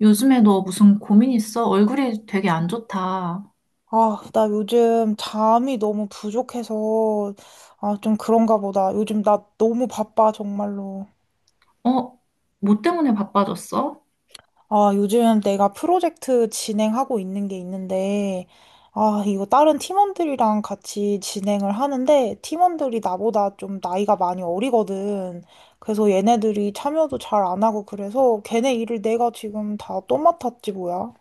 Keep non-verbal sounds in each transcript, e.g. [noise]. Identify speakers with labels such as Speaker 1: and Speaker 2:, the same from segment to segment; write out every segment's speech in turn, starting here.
Speaker 1: 요즘에 너 무슨 고민 있어? 얼굴이 되게 안 좋다.
Speaker 2: 아, 나 요즘 잠이 너무 부족해서, 아, 좀 그런가 보다. 요즘 나 너무 바빠, 정말로.
Speaker 1: 어? 뭐 때문에 바빠졌어?
Speaker 2: 아, 요즘 내가 프로젝트 진행하고 있는 게 있는데, 아, 이거 다른 팀원들이랑 같이 진행을 하는데, 팀원들이 나보다 좀 나이가 많이 어리거든. 그래서 얘네들이 참여도 잘 안 하고 그래서 걔네 일을 내가 지금 다 또 맡았지, 뭐야.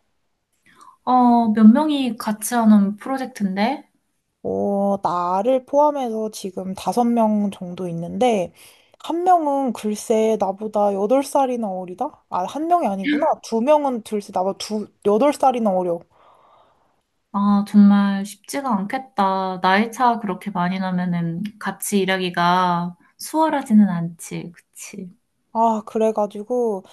Speaker 1: 어, 몇 명이 같이 하는 프로젝트인데?
Speaker 2: 어, 나를 포함해서 지금 다섯 명 정도 있는데, 한 명은 글쎄 나보다 여덟 살이나 어리다? 아, 한 명이 아니구나. 두 명은 글쎄 나보다 두, 여덟 살이나 어려.
Speaker 1: 아, 정말 쉽지가 않겠다. 나이 차 그렇게 많이 나면은 같이 일하기가 수월하지는 않지. 그치?
Speaker 2: 아, 그래가지고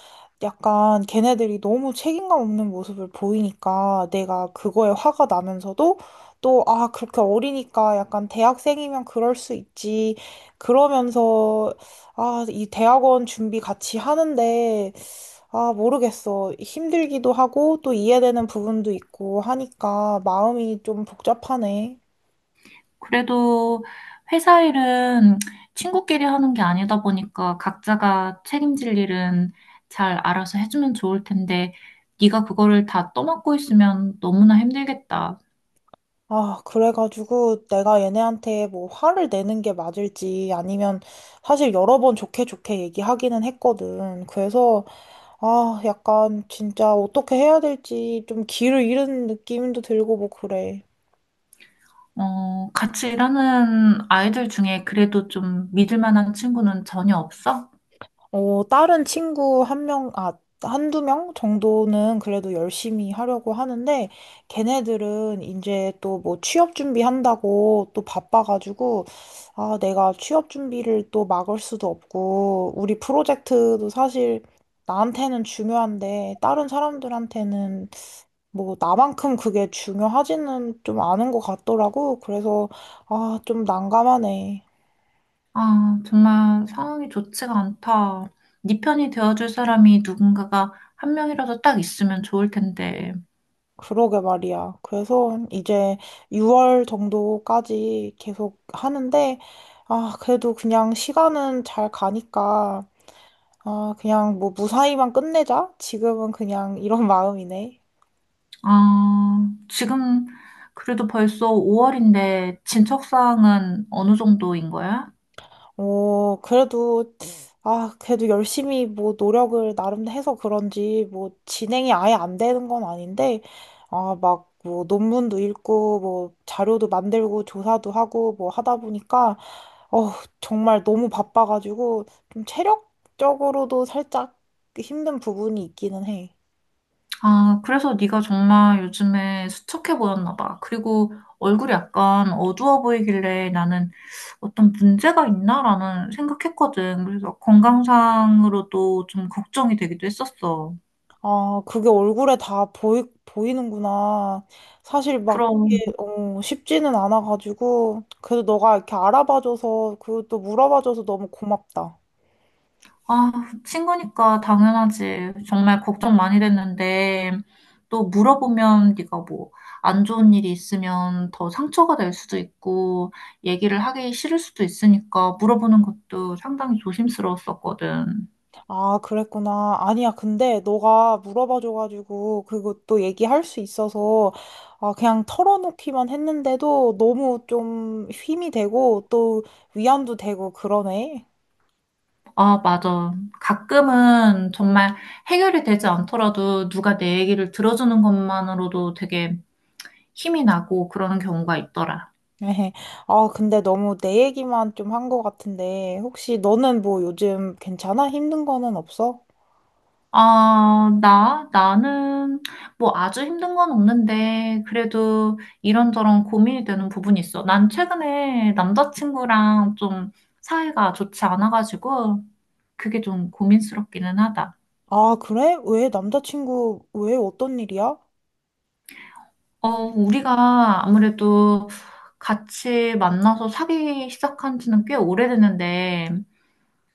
Speaker 2: 약간 걔네들이 너무 책임감 없는 모습을 보이니까 내가 그거에 화가 나면서도 또, 아, 그렇게 어리니까 약간 대학생이면 그럴 수 있지. 그러면서, 아, 이 대학원 준비 같이 하는데, 아, 모르겠어. 힘들기도 하고 또 이해되는 부분도 있고 하니까 마음이 좀 복잡하네.
Speaker 1: 그래도 회사 일은 친구끼리 하는 게 아니다 보니까 각자가 책임질 일은 잘 알아서 해주면 좋을 텐데, 네가 그거를 다 떠맡고 있으면 너무나 힘들겠다.
Speaker 2: 아, 그래가지고 내가 얘네한테 뭐 화를 내는 게 맞을지 아니면 사실 여러 번 좋게 좋게 얘기하기는 했거든. 그래서 아, 약간 진짜 어떻게 해야 될지 좀 길을 잃은 느낌도 들고 뭐 그래.
Speaker 1: 어, 같이 일하는 아이들 중에 그래도 좀 믿을 만한 친구는 전혀 없어?
Speaker 2: 어, 다른 친구 한 명, 아, 한두 명 정도는 그래도 열심히 하려고 하는데, 걔네들은 이제 또 뭐 취업 준비한다고 또 바빠가지고, 아, 내가 취업 준비를 또 막을 수도 없고, 우리 프로젝트도 사실 나한테는 중요한데, 다른 사람들한테는 뭐 나만큼 그게 중요하지는 좀 않은 것 같더라고. 그래서, 아, 좀 난감하네.
Speaker 1: 아, 정말 상황이 좋지가 않다. 네 편이 되어줄 사람이 누군가가 한 명이라도 딱 있으면 좋을 텐데.
Speaker 2: 그러게 말이야. 그래서 한 이제 6월 정도까지 계속 하는데, 아, 그래도 그냥 시간은 잘 가니까, 아, 그냥 뭐 무사히만 끝내자? 지금은 그냥 이런 [laughs] 마음이네.
Speaker 1: 아, 지금 그래도 벌써 5월인데 진척 사항은 어느 정도인 거야?
Speaker 2: 어, 그래도, 아, 그래도 열심히 뭐 노력을 나름 해서 그런지 뭐 진행이 아예 안 되는 건 아닌데, 아, 막 뭐 논문도 읽고 뭐 자료도 만들고 조사도 하고 뭐 하다 보니까 어, 정말 너무 바빠가지고 좀 체력적으로도 살짝 힘든 부분이 있기는 해.
Speaker 1: 아, 그래서 네가 정말 요즘에 수척해 보였나 봐. 그리고 얼굴이 약간 어두워 보이길래 나는 어떤 문제가 있나라는 생각했거든. 그래서 건강상으로도 좀 걱정이 되기도 했었어.
Speaker 2: 아, 그게 얼굴에 다 보이는구나. 사실 막
Speaker 1: 그럼,
Speaker 2: 이게 어, 쉽지는 않아가지고 그래도 너가 이렇게 알아봐줘서 그리고 또 물어봐줘서 너무 고맙다.
Speaker 1: 아, 친구니까 당연하지. 정말 걱정 많이 됐는데 또 물어보면 네가 뭐 안 좋은 일이 있으면 더 상처가 될 수도 있고 얘기를 하기 싫을 수도 있으니까 물어보는 것도 상당히 조심스러웠었거든.
Speaker 2: 아, 그랬구나. 아니야, 근데 너가 물어봐줘가지고 그것도 얘기할 수 있어서 아, 그냥 털어놓기만 했는데도 너무 좀 힘이 되고 또 위안도 되고 그러네.
Speaker 1: 아, 맞아. 가끔은 정말 해결이 되지 않더라도 누가 내 얘기를 들어주는 것만으로도 되게 힘이 나고 그러는 경우가 있더라.
Speaker 2: [laughs] 아, 근데 너무 내 얘기만 좀 한 것 같은데 혹시 너는 뭐 요즘 괜찮아? 힘든 거는 없어?
Speaker 1: 아, 나는 뭐 아주 힘든 건 없는데 그래도 이런저런 고민이 되는 부분이 있어. 난 최근에 남자친구랑 좀 사이가 좋지 않아가지고 그게 좀 고민스럽기는 하다.
Speaker 2: 아, 그래? 왜 남자친구 왜 어떤 일이야?
Speaker 1: 어, 우리가 아무래도 같이 만나서 사귀기 시작한 지는 꽤 오래됐는데,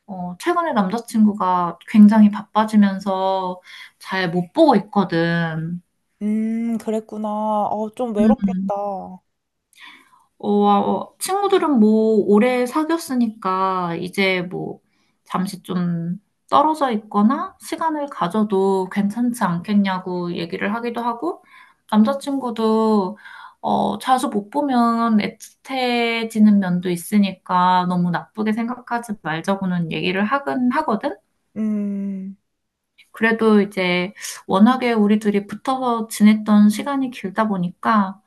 Speaker 1: 어, 최근에 남자친구가 굉장히 바빠지면서 잘 못 보고 있거든.
Speaker 2: 그랬구나. 어, 좀
Speaker 1: 음.
Speaker 2: 외롭겠다.
Speaker 1: 어, 친구들은 뭐 오래 사귀었으니까 이제 뭐 잠시 좀 떨어져 있거나 시간을 가져도 괜찮지 않겠냐고 얘기를 하기도 하고 남자친구도 어, 자주 못 보면 애틋해지는 면도 있으니까 너무 나쁘게 생각하지 말자고는 얘기를 하긴 하거든.
Speaker 2: 음.
Speaker 1: 그래도 이제 워낙에 우리 둘이 붙어서 지냈던 시간이 길다 보니까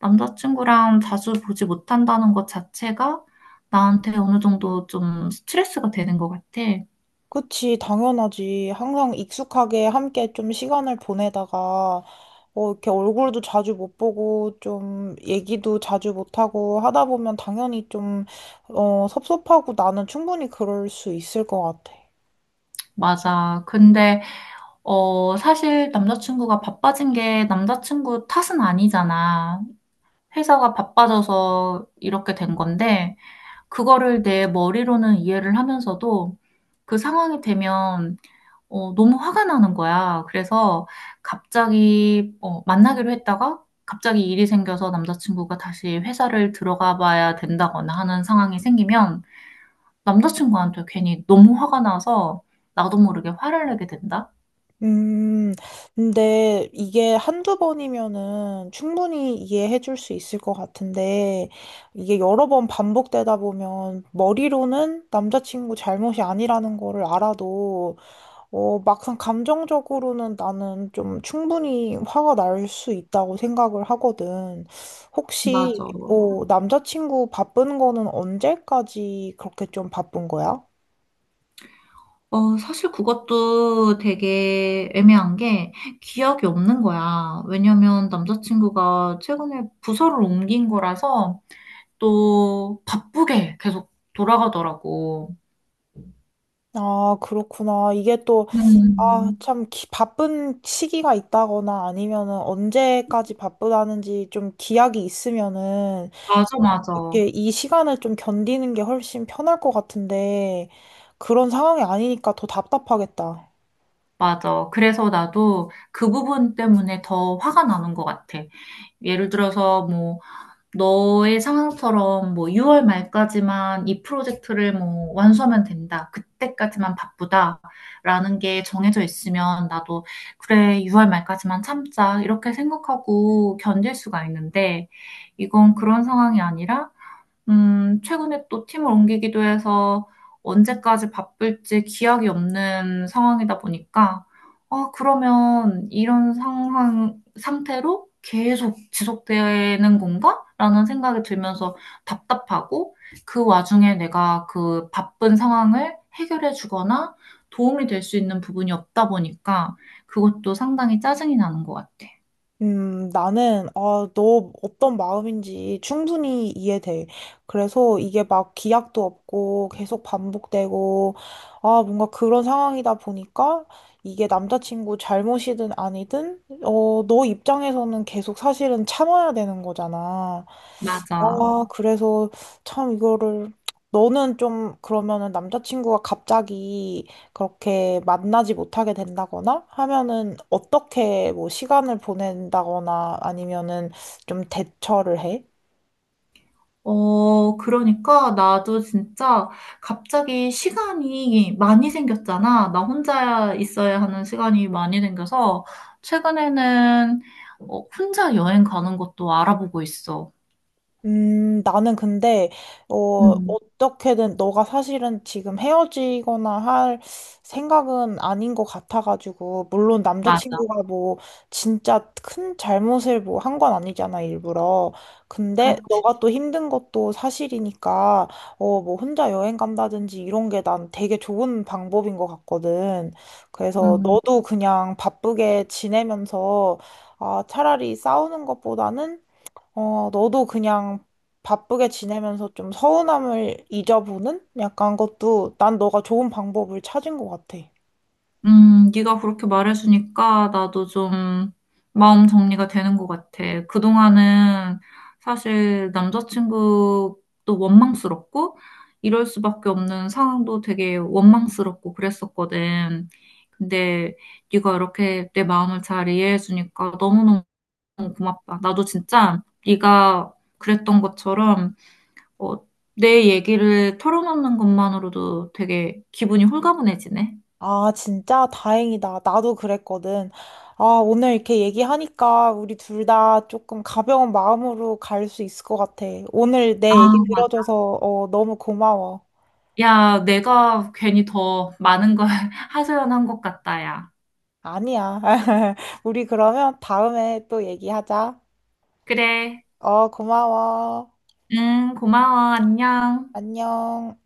Speaker 1: 남자친구랑 자주 보지 못한다는 것 자체가 나한테 어느 정도 좀 스트레스가 되는 것 같아.
Speaker 2: 그치, 당연하지. 항상 익숙하게 함께 좀 시간을 보내다가, 어, 이렇게 얼굴도 자주 못 보고, 좀 얘기도 자주 못하고 하다 보면 당연히 좀, 어, 섭섭하고 나는 충분히 그럴 수 있을 것 같아.
Speaker 1: 맞아. 근데, 어, 사실 남자친구가 바빠진 게 남자친구 탓은 아니잖아. 회사가 바빠져서 이렇게 된 건데, 그거를 내 머리로는 이해를 하면서도 그 상황이 되면 어, 너무 화가 나는 거야. 그래서 갑자기 어, 만나기로 했다가 갑자기 일이 생겨서 남자친구가 다시 회사를 들어가 봐야 된다거나 하는 상황이 생기면 남자친구한테 괜히 너무 화가 나서 나도 모르게 화를 내게 된다?
Speaker 2: 음, 근데 이게 한두 번이면은 충분히 이해해 줄 수 있을 것 같은데, 이게 여러 번 반복되다 보면 머리로는 남자친구 잘못이 아니라는 거를 알아도 어, 막상 감정적으로는 나는 좀 충분히 화가 날 수 있다고 생각을 하거든. 혹시,
Speaker 1: 맞아.
Speaker 2: 어, 남자친구 바쁜 거는 언제까지 그렇게 좀 바쁜 거야?
Speaker 1: 어, 사실 그것도 되게 애매한 게 기억이 없는 거야. 왜냐면 남자친구가 최근에 부서를 옮긴 거라서 또 바쁘게 계속 돌아가더라고.
Speaker 2: 아, 그렇구나. 이게 또, 아,
Speaker 1: 음,
Speaker 2: 참, 바쁜 시기가 있다거나 아니면은 언제까지 바쁘다는지 좀 기약이 있으면은
Speaker 1: 맞아, 맞아,
Speaker 2: 이렇게 이 시간을 좀 견디는 게 훨씬 편할 것 같은데 그런 상황이 아니니까 더 답답하겠다.
Speaker 1: 맞아. 그래서 나도 그 부분 때문에 더 화가 나는 것 같아. 예를 들어서 뭐 너의 상황처럼 뭐 6월 말까지만 이 프로젝트를 뭐 완수하면 된다. 그때까지만 바쁘다라는 게 정해져 있으면 나도 그래, 6월 말까지만 참자. 이렇게 생각하고 견딜 수가 있는데 이건 그런 상황이 아니라 최근에 또 팀을 옮기기도 해서 언제까지 바쁠지 기약이 없는 상황이다 보니까, 아, 그러면 이런 상황, 상태로 계속 지속되는 건가? 라는 생각이 들면서 답답하고, 그 와중에 내가 그 바쁜 상황을 해결해 주거나 도움이 될 수 있는 부분이 없다 보니까, 그것도 상당히 짜증이 나는 것 같아.
Speaker 2: 나는, 아, 너 어떤 마음인지 충분히 이해돼. 그래서 이게 막 기약도 없고 계속 반복되고, 아, 뭔가 그런 상황이다 보니까 이게 남자친구 잘못이든 아니든, 어, 너 입장에서는 계속 사실은 참아야 되는 거잖아.
Speaker 1: 맞아.
Speaker 2: 아, 그래서 참 이거를 너는 좀 그러면은 남자친구가 갑자기 그렇게 만나지 못하게 된다거나 하면은 어떻게 뭐 시간을 보낸다거나 아니면은 좀 대처를 해?
Speaker 1: 어, 그러니까 나도 진짜 갑자기 시간이 많이 생겼잖아. 나 혼자 있어야 하는 시간이 많이 생겨서 최근에는 어, 혼자 여행 가는 것도 알아보고 있어.
Speaker 2: 나는 근데, 어,
Speaker 1: 음,
Speaker 2: 어떻게든 너가 사실은 지금 헤어지거나 할 생각은 아닌 것 같아가지고, 물론
Speaker 1: 맞아.
Speaker 2: 남자친구가 뭐, 진짜 큰 잘못을 뭐 한 건 아니잖아, 일부러. 근데
Speaker 1: 그렇지.
Speaker 2: 너가 또 힘든 것도 사실이니까, 어, 뭐 혼자 여행 간다든지 이런 게 난 되게 좋은 방법인 것 같거든. 그래서
Speaker 1: 음.
Speaker 2: 너도 그냥 바쁘게 지내면서, 아, 차라리 싸우는 것보다는 어, 너도 그냥 바쁘게 지내면서 좀 서운함을 잊어보는? 약간 것도 난 너가 좋은 방법을 찾은 것 같아.
Speaker 1: 네가 그렇게 말해주니까 나도 좀 마음 정리가 되는 것 같아. 그동안은 사실 남자친구도 원망스럽고 이럴 수밖에 없는 상황도 되게 원망스럽고 그랬었거든. 근데 네가 이렇게 내 마음을 잘 이해해주니까 너무너무 고맙다. 나도 진짜 네가 그랬던 것처럼 어, 내 얘기를 털어놓는 것만으로도 되게 기분이 홀가분해지네.
Speaker 2: 아, 진짜 다행이다. 나도 그랬거든. 아, 오늘 이렇게 얘기하니까 우리 둘 다 조금 가벼운 마음으로 갈 수 있을 것 같아. 오늘
Speaker 1: 아,
Speaker 2: 내 얘기 들어줘서 어, 너무 고마워.
Speaker 1: 야, 내가 괜히 더 많은 걸 [laughs] 하소연한 것 같다, 야.
Speaker 2: 아니야. [laughs] 우리 그러면 다음에 또 얘기하자.
Speaker 1: 그래.
Speaker 2: 어, 고마워.
Speaker 1: 응, 고마워. 안녕.
Speaker 2: 안녕.